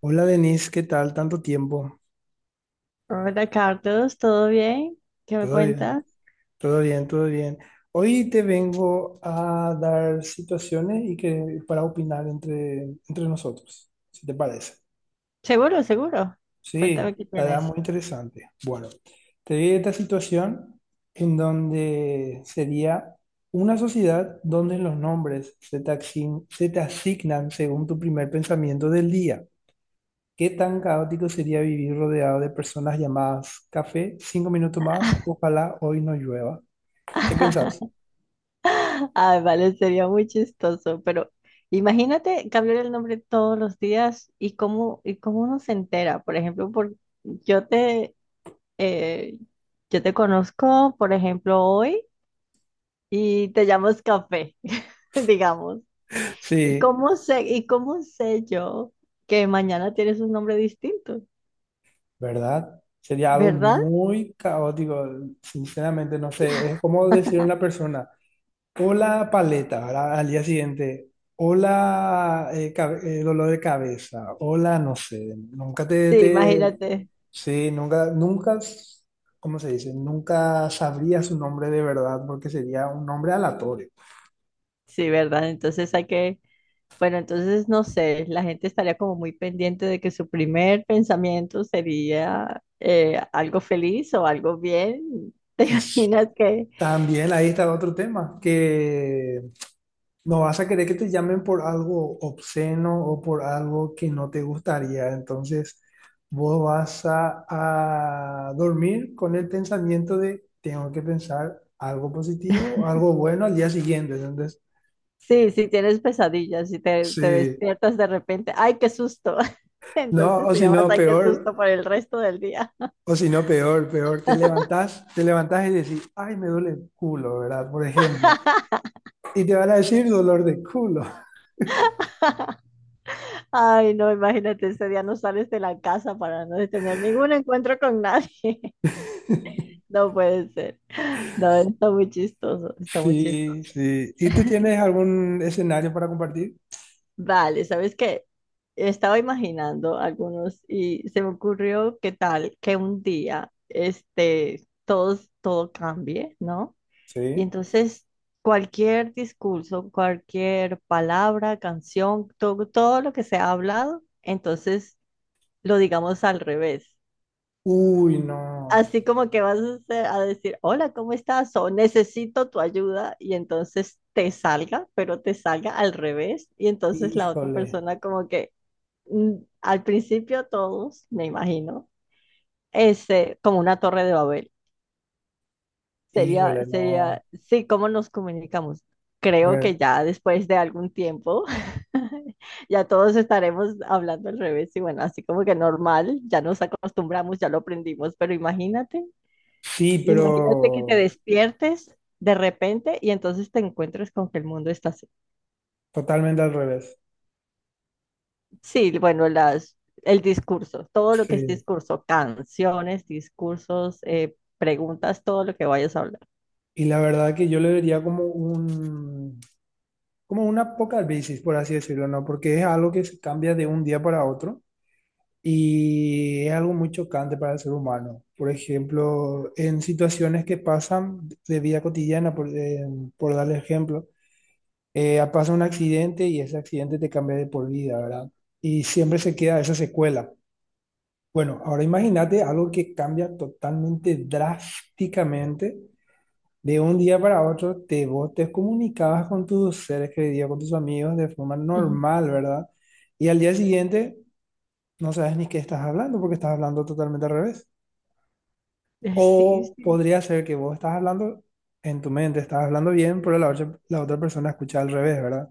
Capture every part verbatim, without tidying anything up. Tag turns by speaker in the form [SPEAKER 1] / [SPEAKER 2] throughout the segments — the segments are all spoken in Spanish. [SPEAKER 1] Hola Denise, ¿qué tal? Tanto tiempo.
[SPEAKER 2] Hola Carlos, ¿todo bien? ¿Qué me
[SPEAKER 1] Todo bien,
[SPEAKER 2] cuentas?
[SPEAKER 1] todo bien, todo bien. Hoy te vengo a dar situaciones y que para opinar entre, entre nosotros, si te parece.
[SPEAKER 2] Seguro, seguro.
[SPEAKER 1] Sí,
[SPEAKER 2] Cuéntame qué
[SPEAKER 1] estará
[SPEAKER 2] tienes.
[SPEAKER 1] muy interesante. Bueno, te di esta situación en donde sería una sociedad donde los nombres se te asign- se te asignan según tu primer pensamiento del día. ¿Qué tan caótico sería vivir rodeado de personas llamadas café, cinco minutos más, ojalá hoy no llueva? ¿Qué pensás?
[SPEAKER 2] Ay, vale, sería muy chistoso, pero imagínate cambiar el nombre todos los días y cómo, y cómo uno se entera. Por ejemplo, por, yo te, eh, yo te conozco, por ejemplo, hoy y te llamas Café, digamos. ¿Y
[SPEAKER 1] Sí,
[SPEAKER 2] cómo sé, y cómo sé yo que mañana tienes un nombre distinto?
[SPEAKER 1] ¿verdad? Sería algo
[SPEAKER 2] ¿Verdad?
[SPEAKER 1] muy caótico, sinceramente, no sé, es como decir a una persona, hola paleta, ¿verdad? Al día siguiente, hola eh, cabe- eh, dolor de cabeza, hola, no sé, nunca te,
[SPEAKER 2] Sí,
[SPEAKER 1] te,
[SPEAKER 2] imagínate.
[SPEAKER 1] sí, nunca, nunca, ¿cómo se dice? Nunca sabría su nombre de verdad porque sería un nombre aleatorio.
[SPEAKER 2] Sí, ¿verdad? Entonces hay que, bueno, entonces no sé, la gente estaría como muy pendiente de que su primer pensamiento sería eh, algo feliz o algo bien. ¿Te
[SPEAKER 1] Es,
[SPEAKER 2] imaginas que,
[SPEAKER 1] también ahí está otro tema, que no vas a querer que te llamen por algo obsceno o por algo que no te gustaría. Entonces, vos vas a, a dormir con el pensamiento de, tengo que pensar algo positivo, algo bueno al día siguiente. Entonces,
[SPEAKER 2] sí, si tienes pesadillas y te, te
[SPEAKER 1] sí,
[SPEAKER 2] despiertas de repente, ¡ay, qué susto!
[SPEAKER 1] no,
[SPEAKER 2] Entonces
[SPEAKER 1] o
[SPEAKER 2] te
[SPEAKER 1] si
[SPEAKER 2] llamas,
[SPEAKER 1] no,
[SPEAKER 2] ¡ay, qué
[SPEAKER 1] peor.
[SPEAKER 2] susto!, por el resto del día.
[SPEAKER 1] O si no, peor, peor, te levantás, te levantás y decís, ay, me duele el culo, ¿verdad? Por ejemplo. Y te van a decir dolor de culo.
[SPEAKER 2] Ay, no, imagínate, ese día no sales de la casa para no tener ningún encuentro con nadie. No puede ser. No, está muy chistoso, está muy
[SPEAKER 1] Sí,
[SPEAKER 2] chistoso.
[SPEAKER 1] sí. ¿Y tú tienes algún escenario para compartir?
[SPEAKER 2] Vale, ¿sabes qué? Estaba imaginando algunos y se me ocurrió qué tal que un día este, todos, todo cambie, ¿no? Y
[SPEAKER 1] Sí.
[SPEAKER 2] entonces cualquier discurso, cualquier palabra, canción, to- todo lo que se ha hablado, entonces lo digamos al revés.
[SPEAKER 1] Uy, no.
[SPEAKER 2] Así como que vas a, hacer- a decir, hola, ¿cómo estás? O necesito tu ayuda y entonces te salga, pero te salga al revés y entonces la otra
[SPEAKER 1] Híjole,
[SPEAKER 2] persona como que mm, al principio todos, me imagino, este, como una torre de Babel. Sería,
[SPEAKER 1] híjole, no.
[SPEAKER 2] sería, sí, ¿cómo nos comunicamos? Creo que
[SPEAKER 1] Ver.
[SPEAKER 2] ya después de algún tiempo, ya todos estaremos hablando al revés y bueno, así como que normal, ya nos acostumbramos, ya lo aprendimos, pero imagínate,
[SPEAKER 1] Sí,
[SPEAKER 2] imagínate que te
[SPEAKER 1] pero
[SPEAKER 2] despiertes de repente y entonces te encuentres con que el mundo está así.
[SPEAKER 1] totalmente al revés.
[SPEAKER 2] Sí, bueno, las, el discurso, todo lo que es
[SPEAKER 1] Sí.
[SPEAKER 2] discurso, canciones, discursos, eh, preguntas, todo lo que vayas a hablar.
[SPEAKER 1] Y la verdad que yo le vería como un, como un apocalipsis, por así decirlo, ¿no? Porque es algo que se cambia de un día para otro y es algo muy chocante para el ser humano. Por ejemplo, en situaciones que pasan de vida cotidiana, por, eh, por darle ejemplo. eh, pasa un accidente y ese accidente te cambia de por vida, ¿verdad? Y siempre se queda esa secuela. Bueno, ahora imagínate algo que cambia totalmente drásticamente. De un día para otro, te, vos te comunicabas con tus seres queridos, con tus amigos de forma
[SPEAKER 2] Ujú.
[SPEAKER 1] normal, ¿verdad? Y al día siguiente no sabes ni qué estás hablando porque estás hablando totalmente al revés.
[SPEAKER 2] Eh, Sí,
[SPEAKER 1] O
[SPEAKER 2] sí.
[SPEAKER 1] podría ser que vos estás hablando en tu mente, estás hablando bien, pero la, otra- la otra persona escucha al revés, ¿verdad?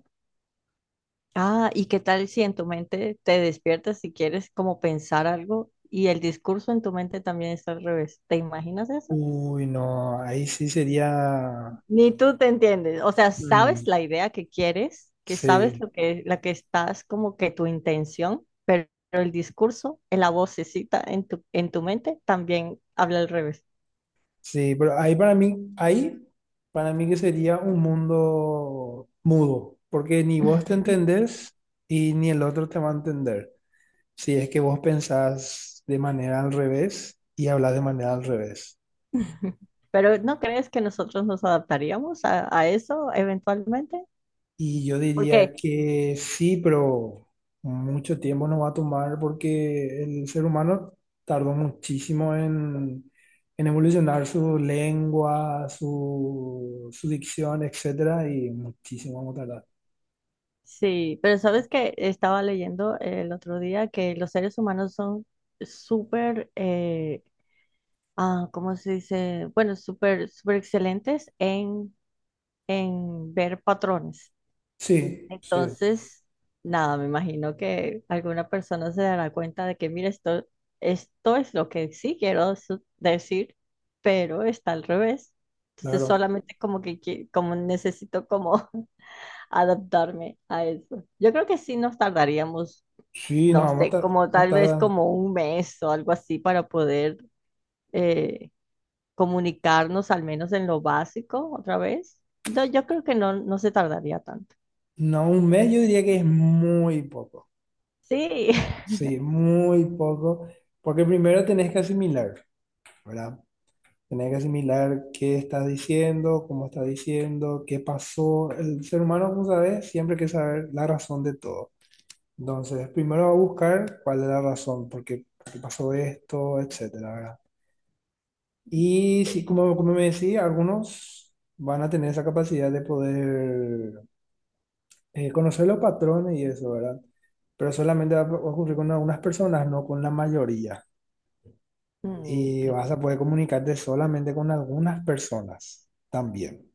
[SPEAKER 2] Ah, ¿y qué tal si en tu mente te despiertas y quieres como pensar algo y el discurso en tu mente también está al revés? ¿Te imaginas eso?
[SPEAKER 1] Uy, no, ahí sí sería,
[SPEAKER 2] Ni tú te entiendes. O sea, sabes
[SPEAKER 1] mm,
[SPEAKER 2] la idea que quieres, que sabes
[SPEAKER 1] sí,
[SPEAKER 2] lo que, la que estás como que tu intención, pero el discurso, en la vocecita en tu, en tu mente también habla al revés.
[SPEAKER 1] sí, pero ahí para mí, ahí para mí que sería un mundo mudo, porque ni vos te entendés y ni el otro te va a entender. Si es que vos pensás de manera al revés y hablas de manera al revés.
[SPEAKER 2] Pero ¿no crees que nosotros nos adaptaríamos a, a eso eventualmente?
[SPEAKER 1] Y yo
[SPEAKER 2] Porque
[SPEAKER 1] diría que sí, pero mucho tiempo nos va a tomar porque el ser humano tardó muchísimo en, en evolucionar su lengua, su, su dicción, etcétera, y muchísimo vamos a tardar.
[SPEAKER 2] sí, pero sabes que estaba leyendo el otro día que los seres humanos son súper, eh, ah, ¿cómo se dice? Bueno, súper, súper excelentes en, en ver patrones.
[SPEAKER 1] Sí, sí,
[SPEAKER 2] Entonces, nada, me imagino que alguna persona se dará cuenta de que, mira, esto, esto es lo que sí quiero su- decir, pero está al revés. Entonces,
[SPEAKER 1] claro.
[SPEAKER 2] solamente como que, que- como necesito como adaptarme a eso. Yo creo que sí nos tardaríamos,
[SPEAKER 1] Sí, no,
[SPEAKER 2] no
[SPEAKER 1] vamos a
[SPEAKER 2] sé,
[SPEAKER 1] tardar,
[SPEAKER 2] como
[SPEAKER 1] no
[SPEAKER 2] tal vez
[SPEAKER 1] tarda.
[SPEAKER 2] como un mes o algo así para poder eh, comunicarnos al menos en lo básico otra vez. Yo, yo creo que no, no se tardaría tanto.
[SPEAKER 1] No, un mes yo diría que es muy poco.
[SPEAKER 2] Sí.
[SPEAKER 1] Sí, muy poco, porque primero tenés que asimilar, ¿verdad? Tenés que asimilar qué estás diciendo, cómo estás diciendo, qué pasó. El ser humano, como sabes, siempre quiere saber la razón de todo. Entonces, primero va a buscar cuál es la razón, por qué, por qué pasó esto, etcétera, ¿verdad? Y sí, como, como me decía, algunos van a tener esa capacidad de poder eh, conocer los patrones y eso, ¿verdad? Pero solamente va a ocurrir con algunas personas, no con la mayoría.
[SPEAKER 2] Mm.
[SPEAKER 1] Y vas a poder comunicarte solamente con algunas personas también.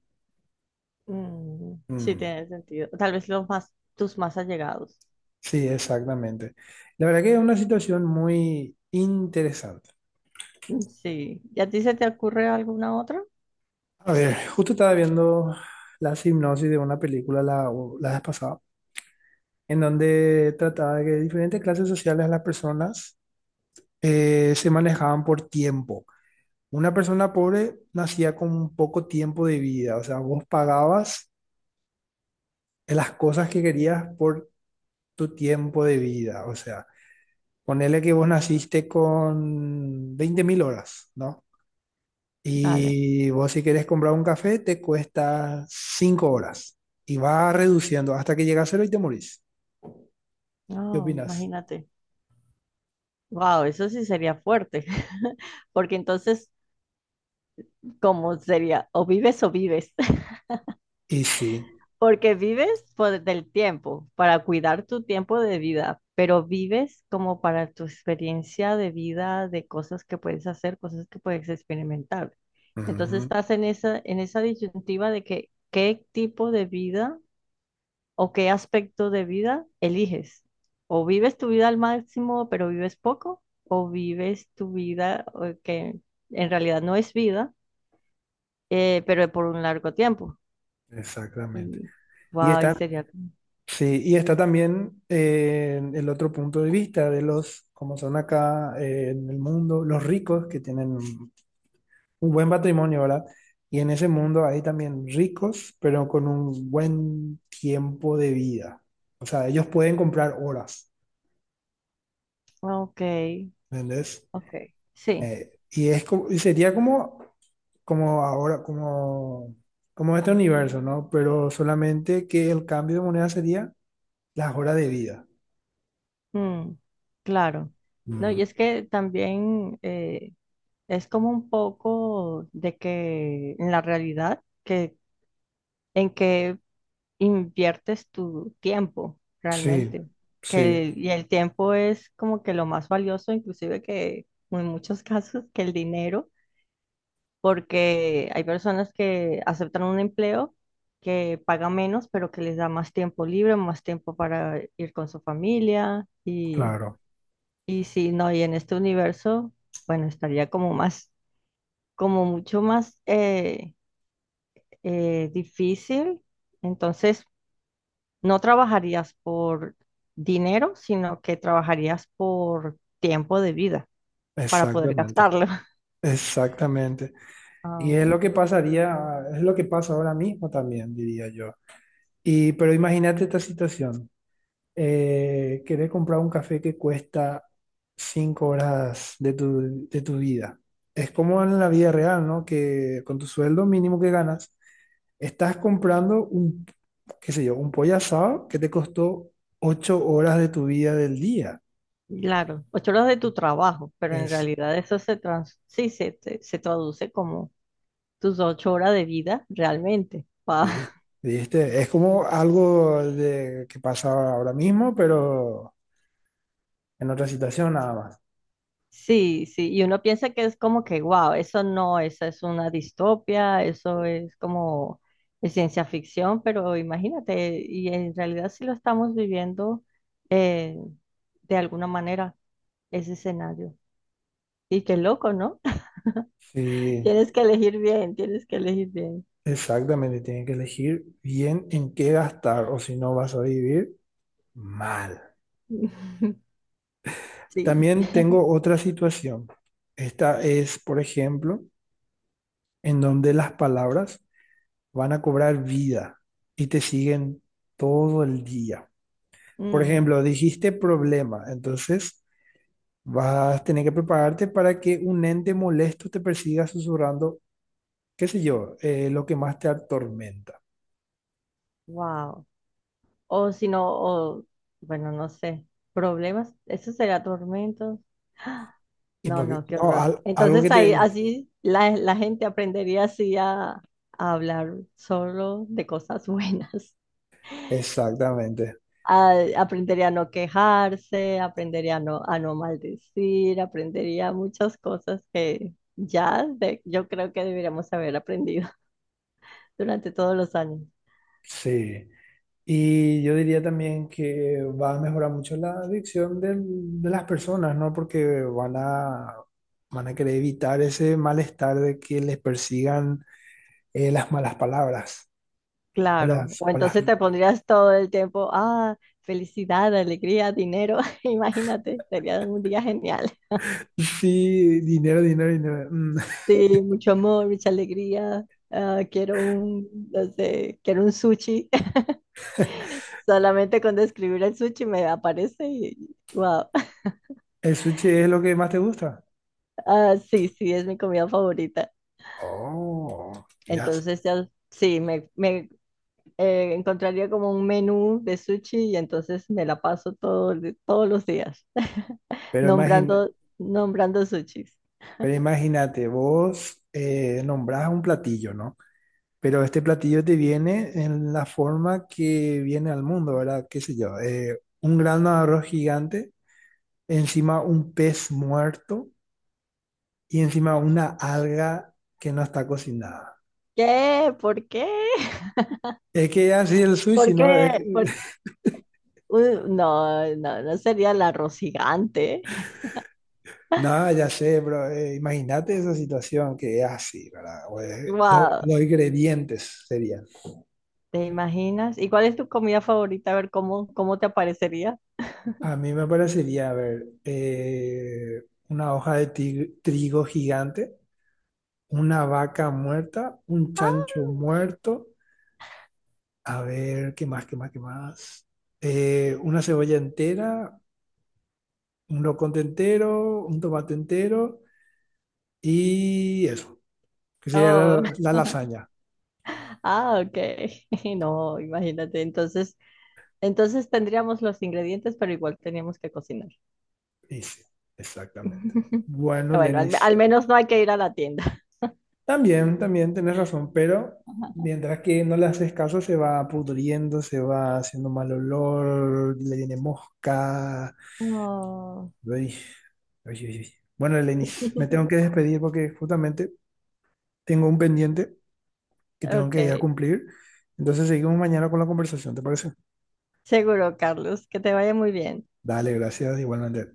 [SPEAKER 2] Mm, sí,
[SPEAKER 1] Mm.
[SPEAKER 2] tiene sentido. Tal vez los más, tus más allegados.
[SPEAKER 1] Sí, exactamente. La verdad que es una situación muy interesante.
[SPEAKER 2] Mm. Sí. ¿Y a ti se te ocurre alguna otra?
[SPEAKER 1] A ver, justo estaba viendo la hipnosis de una película la, la vez pasada, en donde trataba de que diferentes clases sociales de las personas eh, se manejaban por tiempo. Una persona pobre nacía con poco tiempo de vida, o sea, vos pagabas las cosas que querías por tu tiempo de vida, o sea, ponele que vos naciste con veinte mil horas, ¿no?
[SPEAKER 2] Dale.
[SPEAKER 1] Y vos si querés comprar un café te cuesta cinco horas y va reduciendo hasta que llega a cero y te morís. ¿Qué
[SPEAKER 2] No,
[SPEAKER 1] opinas?
[SPEAKER 2] imagínate. Wow, eso sí sería fuerte. Porque entonces, ¿cómo sería? O vives o vives.
[SPEAKER 1] Y sí,
[SPEAKER 2] Porque vives por del tiempo, para cuidar tu tiempo de vida, pero vives como para tu experiencia de vida, de cosas que puedes hacer, cosas que puedes experimentar. Entonces
[SPEAKER 1] ujú,
[SPEAKER 2] estás en esa, en esa disyuntiva de que qué tipo de vida o qué aspecto de vida eliges. O vives tu vida al máximo, pero vives poco, o vives tu vida eh, que en realidad no es vida, eh, pero por un largo tiempo.
[SPEAKER 1] exactamente.
[SPEAKER 2] Y,
[SPEAKER 1] Y
[SPEAKER 2] wow, y
[SPEAKER 1] está,
[SPEAKER 2] sería,
[SPEAKER 1] sí, y está también eh, el otro punto de vista de los, como son acá eh, en el mundo, los ricos que tienen un un buen patrimonio, ¿verdad? Y en ese mundo hay también ricos, pero con un buen tiempo de vida. O sea, ellos pueden comprar horas,
[SPEAKER 2] ok.
[SPEAKER 1] ¿entendés?
[SPEAKER 2] Ok, sí,
[SPEAKER 1] Eh, y es como, y sería como, como ahora, como, como este universo, ¿no? Pero solamente que el cambio de moneda sería las horas de vida.
[SPEAKER 2] mm, claro. No, y
[SPEAKER 1] Mm,
[SPEAKER 2] es que también eh, es como un poco de que en la realidad, que en que inviertes tu tiempo
[SPEAKER 1] sí,
[SPEAKER 2] realmente, que
[SPEAKER 1] sí,
[SPEAKER 2] el- y el tiempo es como que lo más valioso, inclusive que en muchos casos que el dinero, porque hay personas que aceptan un empleo que paga menos, pero que les da más tiempo libre, más tiempo para ir con su familia.
[SPEAKER 1] claro,
[SPEAKER 2] Y si no, y en este universo, bueno, estaría como más, como mucho más eh, eh, difícil. Entonces, no trabajarías por dinero, sino que trabajarías por tiempo de vida para poder
[SPEAKER 1] exactamente,
[SPEAKER 2] gastarlo.
[SPEAKER 1] exactamente. Y es
[SPEAKER 2] Ah,
[SPEAKER 1] lo que pasaría, es lo que pasa ahora mismo también, diría yo. Y, pero imagínate esta situación. eh, querer comprar un café que cuesta cinco horas de tu, de tu vida. Es como en la vida real, ¿no? Que con tu sueldo mínimo que ganas, estás comprando un, qué sé yo, un pollo asado que te costó ocho horas de tu vida del día.
[SPEAKER 2] claro, ocho horas de tu trabajo, pero en
[SPEAKER 1] Es,
[SPEAKER 2] realidad eso se trans, sí, se, se se traduce como tus ocho horas de vida realmente. Pa-
[SPEAKER 1] vi- ¿viste? Es como algo de, que pasa ahora mismo, pero en otra situación nada más.
[SPEAKER 2] Sí, sí, y uno piensa que es como que, wow, eso no, esa es una distopia, eso es como de ciencia ficción, pero imagínate, y en realidad sí lo estamos viviendo eh, de alguna manera, ese escenario. Y qué loco, ¿no?
[SPEAKER 1] Sí,
[SPEAKER 2] Tienes que elegir bien, tienes que elegir bien.
[SPEAKER 1] exactamente. Tienen que elegir bien en qué gastar o si no vas a vivir mal.
[SPEAKER 2] Sí.
[SPEAKER 1] También tengo otra situación. Esta es, por ejemplo, en donde las palabras van a cobrar vida y te siguen todo el día. Por ejemplo, dijiste problema, entonces vas a tener que prepararte para que un ente molesto te persiga susurrando, qué sé yo, eh, lo que más te atormenta.
[SPEAKER 2] Wow. O si no, o, bueno, no sé, problemas, eso será tormentos.
[SPEAKER 1] Y
[SPEAKER 2] No,
[SPEAKER 1] porque,
[SPEAKER 2] no, qué
[SPEAKER 1] no,
[SPEAKER 2] horror.
[SPEAKER 1] al- algo
[SPEAKER 2] Entonces
[SPEAKER 1] que
[SPEAKER 2] ahí
[SPEAKER 1] te...
[SPEAKER 2] así la, la gente aprendería así a, a hablar solo de cosas buenas.
[SPEAKER 1] Exactamente,
[SPEAKER 2] A- aprendería a no quejarse, aprendería a no, a no maldecir, aprendería muchas cosas que ya de- yo creo que deberíamos haber aprendido durante todos los años.
[SPEAKER 1] sí. Y yo diría también que va a mejorar mucho la adicción del- de las personas, ¿no? Porque van a, van a querer evitar ese malestar de que les persigan eh, las malas palabras o
[SPEAKER 2] Claro.
[SPEAKER 1] las,
[SPEAKER 2] O
[SPEAKER 1] o las...
[SPEAKER 2] entonces te pondrías todo el tiempo, ah, felicidad, alegría, dinero. Imagínate, sería un día genial.
[SPEAKER 1] Sí, dinero, dinero, dinero. Mm,
[SPEAKER 2] Sí, mucho amor, mucha alegría. Ah, quiero un, no sé, quiero un sushi. Solamente con describir el sushi me aparece y wow.
[SPEAKER 1] ¿El sushi es lo que más te gusta?
[SPEAKER 2] Ah, sí, sí, es mi comida favorita.
[SPEAKER 1] Oh, mirás.
[SPEAKER 2] Entonces ya, sí, me, me eh, encontraría como un menú de sushi y entonces me la paso todo, el- todos los días
[SPEAKER 1] Pero imagina,
[SPEAKER 2] nombrando, nombrando sushis.
[SPEAKER 1] pero imagínate, vos eh, nombrás un platillo, ¿no? Pero este platillo te viene en la forma que viene al mundo, ¿verdad? ¿Qué sé yo? eh, un grano de arroz gigante, encima un pez muerto y encima una alga que no está cocinada.
[SPEAKER 2] ¿Qué? ¿Por qué?
[SPEAKER 1] Es que así el sushi,
[SPEAKER 2] ¿Por
[SPEAKER 1] ¿no? Es
[SPEAKER 2] qué?
[SPEAKER 1] que-
[SPEAKER 2] ¿Por- Uh, no, no, no sería el arroz gigante.
[SPEAKER 1] no, ya sé, pero eh, imagínate esa situación que es así, ¿verdad? O, eh, lo-
[SPEAKER 2] Wow.
[SPEAKER 1] los ingredientes serían.
[SPEAKER 2] ¿Te imaginas? ¿Y cuál es tu comida favorita? A ver cómo, cómo te aparecería.
[SPEAKER 1] A mí me parecería, a ver, eh, una hoja de ti- trigo gigante, una vaca muerta, un
[SPEAKER 2] Ah,
[SPEAKER 1] chancho muerto, a ver, ¿qué más, qué más, qué más? Eh, una cebolla entera, un loconte entero, un tomate entero y eso, que sería
[SPEAKER 2] oh,
[SPEAKER 1] la, la lasaña.
[SPEAKER 2] ah, ok. No, imagínate. Entonces, entonces tendríamos los ingredientes, pero igual teníamos que cocinar.
[SPEAKER 1] Y sí, exactamente. Bueno,
[SPEAKER 2] Bueno, al,
[SPEAKER 1] Lenis,
[SPEAKER 2] al menos no hay que ir a la tienda.
[SPEAKER 1] también, también tenés razón, pero mientras que no le haces caso, se va pudriendo, se va haciendo mal olor, le viene mosca.
[SPEAKER 2] Oh.
[SPEAKER 1] Uy, uy, uy, uy. Bueno, Eleni, me tengo que despedir porque justamente tengo un pendiente que tengo
[SPEAKER 2] Ok,
[SPEAKER 1] que ir a cumplir. Entonces seguimos mañana con la conversación, ¿te parece?
[SPEAKER 2] seguro, Carlos, que te vaya muy bien.
[SPEAKER 1] Dale, gracias, igualmente.